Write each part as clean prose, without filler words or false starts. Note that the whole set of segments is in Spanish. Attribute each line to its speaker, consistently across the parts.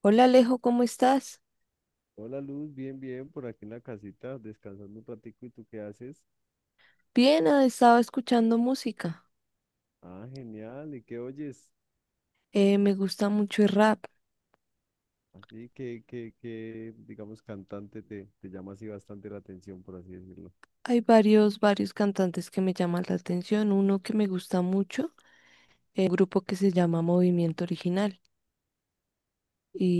Speaker 1: Hola Alejo, ¿cómo estás?
Speaker 2: Hola Luz, bien, bien, por aquí en la casita, descansando un ratico, ¿y tú qué haces?
Speaker 1: Bien, estaba escuchando música.
Speaker 2: Ah, genial, ¿y qué oyes?
Speaker 1: Me gusta mucho el rap.
Speaker 2: Así que, digamos, cantante te llama así bastante la atención, por así decirlo.
Speaker 1: Hay varios cantantes que me llaman la atención. Uno que me gusta mucho, un grupo que se llama Movimiento Original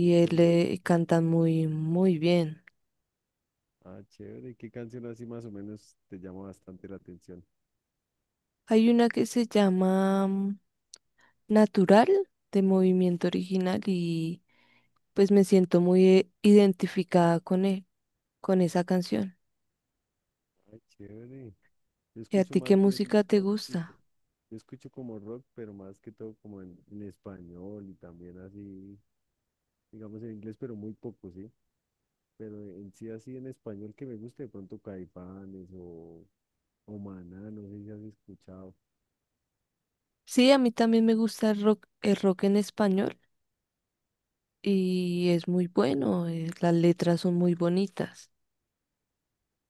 Speaker 2: ¿Y esto
Speaker 1: él
Speaker 2: origen?
Speaker 1: eh, cantan muy bien.
Speaker 2: Ah, chévere, ¿qué canción así más o menos te llama bastante la atención?
Speaker 1: Hay una que se llama Natural, de Movimiento Original, y pues me siento muy identificada con él, con esa canción.
Speaker 2: Ay, chévere. Yo
Speaker 1: ¿Y a
Speaker 2: escucho
Speaker 1: ti qué
Speaker 2: más bien
Speaker 1: música te
Speaker 2: rockcito.
Speaker 1: gusta?
Speaker 2: Yo escucho como rock, pero más que todo como en español y también así, digamos en inglés, pero muy poco, ¿sí? Pero en sí así en español que me guste, de pronto Caifanes o Maná, no sé si has escuchado.
Speaker 1: Sí, a mí también me gusta el rock en español, y es muy bueno, las letras son muy bonitas.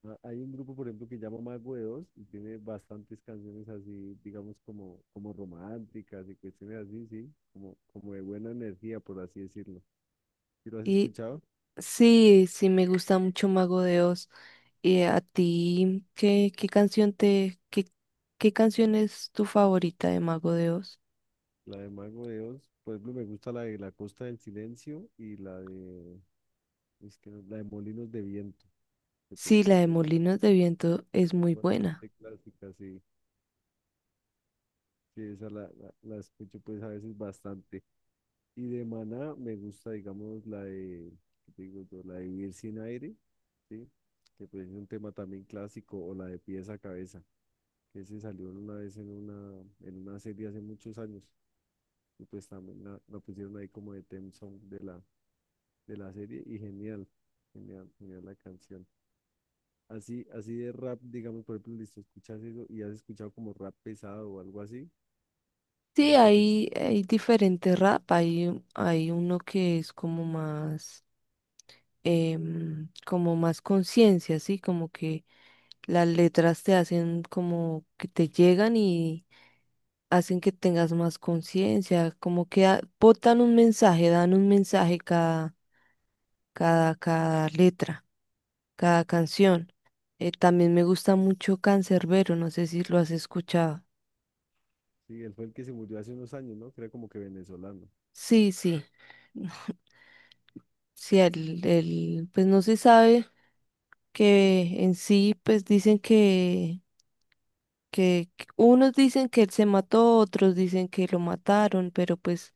Speaker 2: Ah, hay un grupo, por ejemplo, que llama Mago de Oz y tiene bastantes canciones así, digamos, como románticas y cuestiones así, sí, como de buena energía, por así decirlo. ¿Sí lo has
Speaker 1: Y
Speaker 2: escuchado?
Speaker 1: sí, sí me gusta mucho Mago de Oz. ¿Y a ti qué canción qué canción es tu favorita de Mago de Oz?
Speaker 2: La de Mago de Oz, por ejemplo, me gusta la de La Costa del Silencio y la de, es que no- la de Molinos de Viento, que pues
Speaker 1: Sí, la de
Speaker 2: siempre es
Speaker 1: Molinos de Viento es muy buena.
Speaker 2: bastante clásica, sí. Sí, esa la escucho pues a veces bastante. Y de Maná me gusta, digamos, ¿qué te digo yo? La de Vivir sin aire, ¿sí? Que pues es un tema también clásico, o la de Pies a Cabeza, que se salió una vez en una serie hace muchos años, y pues también la pusieron ahí como de theme song de la serie, y genial, genial, genial la canción. Así de rap, digamos, por ejemplo, listo, escuchas eso y has escuchado como rap pesado o algo así, digamos,
Speaker 1: Sí,
Speaker 2: un poquito,
Speaker 1: hay diferentes rap, hay uno que es como más, como más conciencia, sí, como que las letras te hacen como que te llegan, y hacen que tengas más conciencia, como que botan un mensaje, dan un mensaje cada cada letra, cada canción. También me gusta mucho Cancerbero, no sé si lo has escuchado.
Speaker 2: sí, él fue el que se murió hace unos años, ¿no? Que era como que venezolano.
Speaker 1: Sí, sí, sí, el, pues no se sabe que en sí, pues dicen que unos dicen que él se mató, otros dicen que lo mataron, pero pues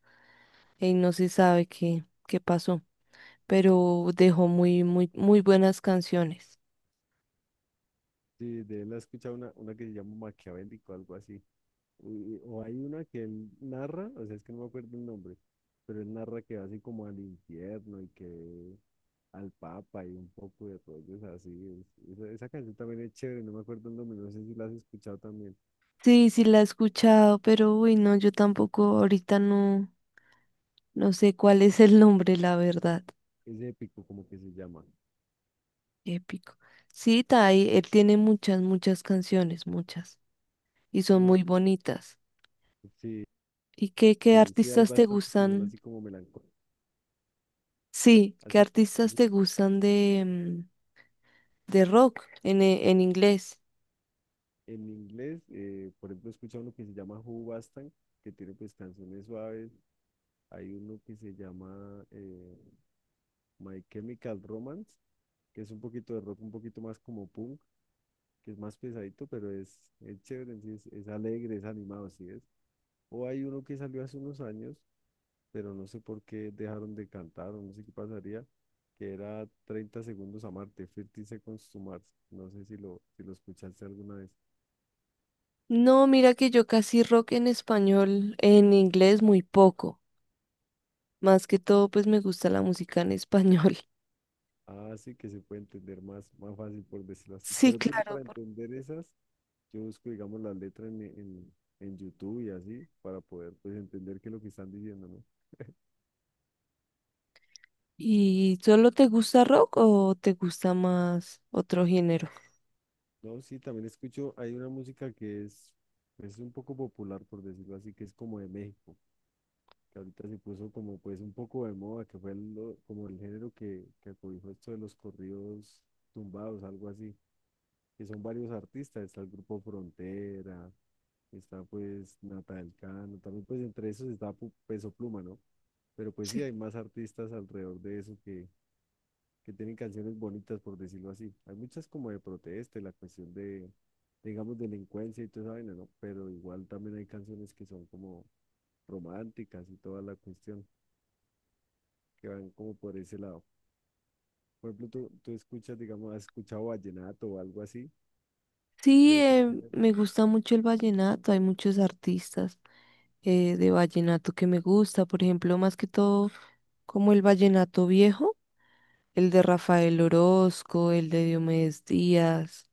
Speaker 1: no se sabe qué pasó. Pero dejó muy, muy buenas canciones.
Speaker 2: Sí, de él he escuchado una que se llama Maquiavélico, algo así. O hay una que él narra, o sea, es que no me acuerdo el nombre, pero él narra que va así como al infierno y que al Papa y un poco de rollos así. Esa canción también es chévere, no me acuerdo el nombre, no sé si la has escuchado también.
Speaker 1: Sí, sí la he escuchado, pero uy, no, yo tampoco, ahorita no, no sé cuál es el nombre, la verdad.
Speaker 2: Es épico, como que se llama.
Speaker 1: Épico. Sí, Tai, él tiene muchas canciones, muchas, y son
Speaker 2: Yo,
Speaker 1: muy bonitas.
Speaker 2: sí,
Speaker 1: ¿Y qué
Speaker 2: sí hay
Speaker 1: artistas te
Speaker 2: bastantes que son
Speaker 1: gustan?
Speaker 2: así como melancólicos.
Speaker 1: Sí, ¿qué
Speaker 2: Así,
Speaker 1: artistas
Speaker 2: así,
Speaker 1: te gustan de de rock en inglés?
Speaker 2: en inglés, por ejemplo, he escuchado uno que se llama Who Bastan, que tiene pues canciones suaves. Hay uno que se llama My Chemical Romance, que es un poquito de rock, un poquito más como punk, que es más pesadito, pero es chévere, en sí, es alegre, es animado, así es. O hay uno que salió hace unos años, pero no sé por qué dejaron de cantar, o no sé qué pasaría, que era 30 segundos a Marte, 30 Seconds to Mars. No sé si lo, escuchaste alguna vez.
Speaker 1: No, mira que yo casi rock en español, en inglés muy poco. Más que todo, pues me gusta la música en español.
Speaker 2: Ah, sí, que se puede entender más fácil por decirlo así.
Speaker 1: Sí,
Speaker 2: Por ejemplo, yo
Speaker 1: claro.
Speaker 2: para entender esas. Yo busco, digamos, la letra en YouTube y así para poder pues entender qué es lo que están diciendo, ¿no?
Speaker 1: ¿Y solo te gusta rock o te gusta más otro género?
Speaker 2: No, sí, también escucho, hay una música que es un poco popular, por decirlo así, que es como de México, que ahorita se puso como pues un poco de moda, que fue como el género que acobijó esto de los corridos tumbados, algo así, que son varios artistas, está el grupo Frontera, está pues Nata del Cano, también pues entre esos está Peso Pluma, ¿no? Pero pues sí,
Speaker 1: Sí.
Speaker 2: hay más artistas alrededor de eso que tienen canciones bonitas, por decirlo así. Hay muchas como de protesta, y la cuestión de, digamos, delincuencia y toda esa vaina, ¿no? Pero igual también hay canciones que son como románticas y toda la cuestión, que van como por ese lado. Por ejemplo, tú escuchas, digamos, has escuchado vallenato o algo así, de
Speaker 1: Sí,
Speaker 2: otro género,
Speaker 1: me gusta mucho el vallenato. Hay muchos artistas de vallenato que me gusta. Por ejemplo, más que todo, como el vallenato viejo, el de Rafael Orozco, el de Diomedes Díaz,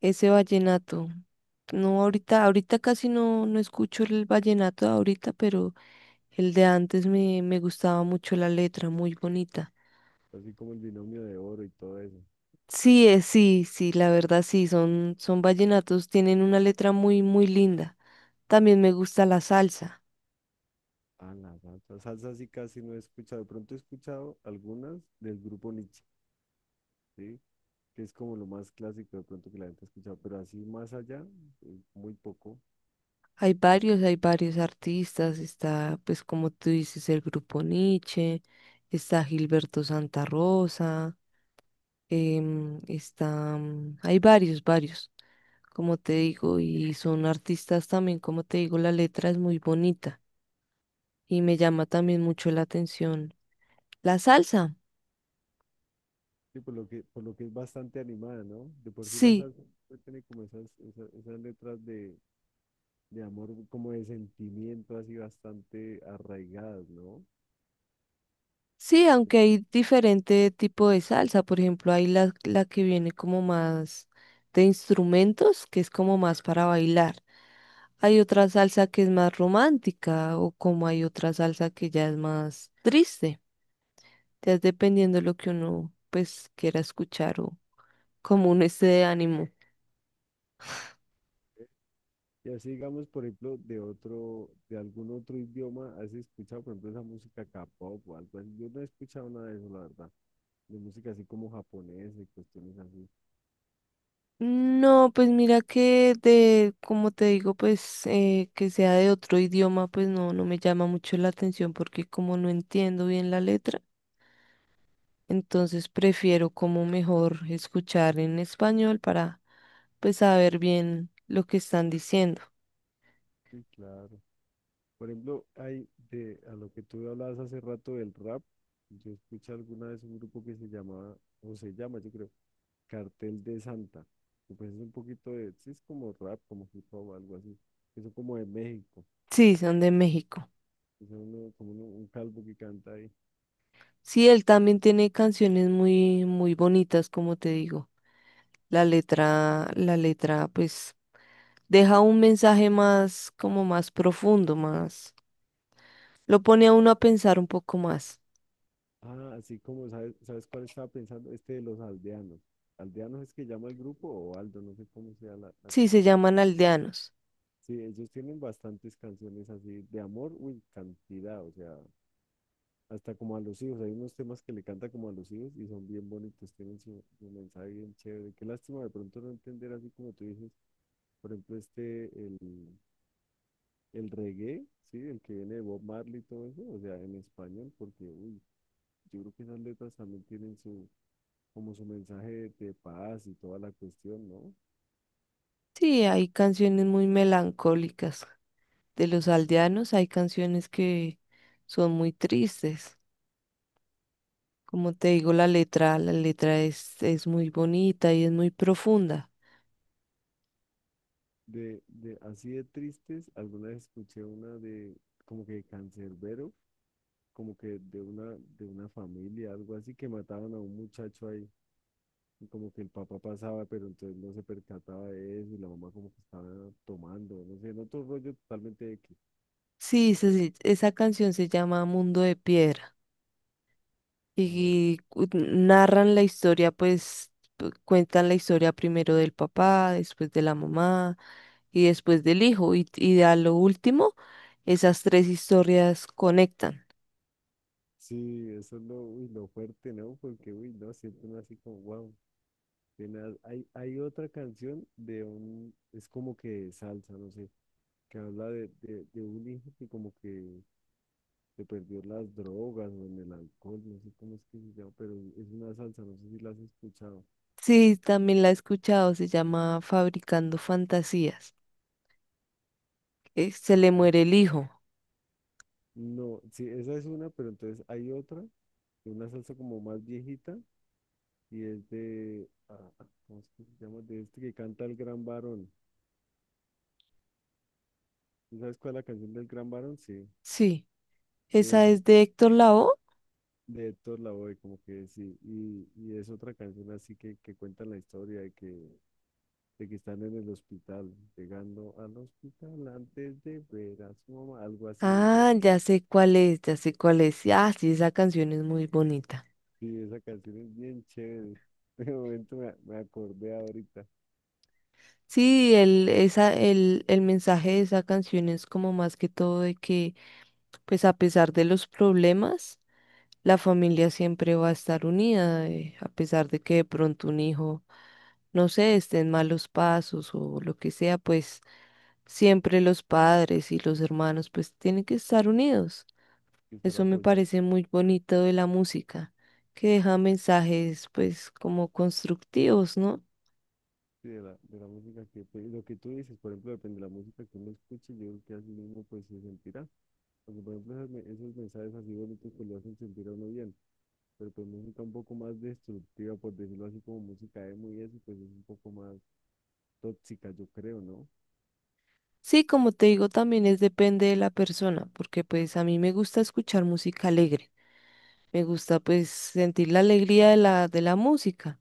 Speaker 1: ese vallenato. No, ahorita casi no, no escucho el vallenato de ahorita, pero el de antes me, me gustaba mucho. La letra, muy bonita.
Speaker 2: así como el binomio de oro y todo eso.
Speaker 1: Sí, sí, sí, la verdad sí, son, son vallenatos, tienen una letra muy linda. También me gusta la salsa.
Speaker 2: Ah, la salsa. Salsa sí casi no he escuchado. De pronto he escuchado algunas del grupo Nietzsche, ¿sí? Que es como lo más clásico de pronto que la gente ha escuchado, pero así más allá, muy poco. Pues,
Speaker 1: Hay varios artistas. Está, pues como tú dices, el grupo Nietzsche, está Gilberto Santa Rosa, está, hay varios, como te digo, y son artistas también, como te digo, la letra es muy bonita, y me llama también mucho la atención la salsa,
Speaker 2: sí, por lo que es bastante animada, ¿no? De por sí la
Speaker 1: sí,
Speaker 2: salsa pues, tiene como esas letras de amor, como de sentimiento, así bastante arraigadas, ¿no?
Speaker 1: sí, aunque hay diferente tipo de salsa. Por ejemplo, hay la que viene como más de instrumentos, que es como más para bailar. Hay otra salsa que es más romántica, o como hay otra salsa que ya es más triste, ya es dependiendo de lo que uno pues quiera escuchar, o como uno esté de ánimo.
Speaker 2: Y así, digamos, por ejemplo, de otro, de algún otro idioma, ¿has escuchado, por ejemplo, esa música K-pop o algo así? Yo no he escuchado nada de eso, la verdad, de música así como japonesa y cuestiones así.
Speaker 1: No, pues mira que de, como te digo, pues que sea de otro idioma, pues no, no me llama mucho la atención, porque como no entiendo bien la letra, entonces prefiero como mejor escuchar en español para pues saber bien lo que están diciendo.
Speaker 2: Sí, claro. Por ejemplo, hay de, a lo que tú hablabas hace rato del rap, yo escuché alguna vez un grupo que se llamaba, o se llama, yo creo, Cartel de Santa. Que, pues es un poquito de, sí, es como rap, como hip hop, algo así. Eso como de México.
Speaker 1: Sí, son de México.
Speaker 2: Es uno, como un calvo que canta ahí.
Speaker 1: Sí, él también tiene canciones muy bonitas, como te digo. La letra, pues deja un mensaje más, como más profundo, más. Lo pone a uno a pensar un poco más.
Speaker 2: Ah, así como, ¿sabes cuál estaba pensando? Este de los aldeanos. ¿Aldeanos es que llama el grupo o Aldo? No sé cómo sea la
Speaker 1: Sí, se
Speaker 2: cuestión.
Speaker 1: llaman aldeanos.
Speaker 2: Sí, ellos tienen bastantes canciones así de amor, uy, cantidad, o sea, hasta como a los hijos. Hay unos temas que le canta como a los hijos y son bien bonitos, tienen su mensaje bien chévere. Qué lástima de pronto no entender así como tú dices. Por ejemplo, el reggae, ¿sí? El que viene de Bob Marley y todo eso, o sea, en español, porque, uy, yo creo que esas letras también tienen su, como su mensaje de paz y toda la cuestión, ¿no?
Speaker 1: Sí, hay canciones muy melancólicas de los aldeanos, hay canciones que son muy tristes. Como te digo, la letra es muy bonita y es muy profunda.
Speaker 2: Así de tristes, alguna vez escuché una de, como que cancerbero, como que de una, familia, algo así, que mataban a un muchacho ahí. Y como que el papá pasaba, pero entonces no se percataba de eso, y la mamá como que estaba tomando, no sé, en otro rollo totalmente X.
Speaker 1: Sí, esa canción se llama Mundo de Piedra,
Speaker 2: Ah, ok,
Speaker 1: y narran la historia, pues cuentan la historia primero del papá, después de la mamá y después del hijo, y a lo último esas tres historias conectan.
Speaker 2: sí, eso es lo, uy, lo fuerte, ¿no? Porque, uy, no, siento uno así como, wow, tenaz. Hay otra canción de un, es como que salsa, no sé, que habla de un hijo que como que se perdió en las drogas o en el alcohol, no sé cómo es que se llama, pero es una salsa, no sé si la has escuchado.
Speaker 1: Sí, también la he escuchado, se llama Fabricando Fantasías. Se le
Speaker 2: Ay.
Speaker 1: muere el hijo.
Speaker 2: No, sí, esa es una, pero entonces hay otra, de una salsa como más viejita, y es de, ¿cómo es que se llama? De este que canta el gran varón. ¿Tú sabes cuál es la canción del gran varón? Sí.
Speaker 1: Sí, esa
Speaker 2: Eso,
Speaker 1: es de Héctor Lavoe.
Speaker 2: de Héctor Lavoe, como que sí, y es otra canción así que cuenta la historia de que, están en el hospital, llegando al hospital antes de ver a su mamá, algo así decía.
Speaker 1: Ah, ya sé cuál es, ya sé cuál es. Ah, sí, esa canción es muy bonita.
Speaker 2: Sí, esa canción es bien chévere. De momento me acordé ahorita,
Speaker 1: Sí, el mensaje de esa canción es como más que todo de que, pues a pesar de los problemas, la familia siempre va a estar unida, a pesar de que de pronto un hijo, no sé, esté en malos pasos o lo que sea, pues siempre los padres y los hermanos pues tienen que estar unidos.
Speaker 2: quizá la
Speaker 1: Eso me
Speaker 2: apoyar.
Speaker 1: parece muy bonito de la música, que deja mensajes pues como constructivos, ¿no?
Speaker 2: Sí, de la música que, pues, lo que tú dices, por ejemplo, depende de la música que uno escuche, yo creo que así mismo pues se sentirá. Porque, por ejemplo, esos mensajes así bonitos pues lo hacen sentir a uno bien. Pero pues música un poco más destructiva, por decirlo así, como música emo y eso, pues es un poco más tóxica, yo creo, ¿no?
Speaker 1: Sí, como te digo, también es depende de la persona, porque pues a mí me gusta escuchar música alegre, me gusta pues sentir la alegría de de la música.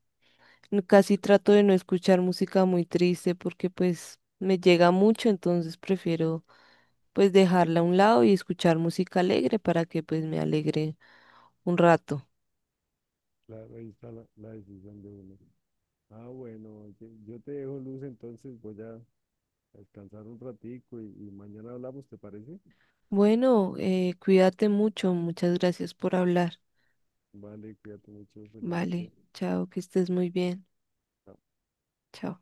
Speaker 1: Casi trato de no escuchar música muy triste, porque pues me llega mucho, entonces prefiero pues dejarla a un lado y escuchar música alegre para que pues me alegre un rato.
Speaker 2: Claro, ahí está la decisión de uno. Ah, bueno, oye, yo te dejo Luz, entonces voy a descansar un ratico y mañana hablamos, ¿te parece?
Speaker 1: Bueno, cuídate mucho, muchas gracias por hablar.
Speaker 2: Vale, cuídate mucho, feliz noche.
Speaker 1: Vale, chao, que estés muy bien.
Speaker 2: Chao.
Speaker 1: Chao.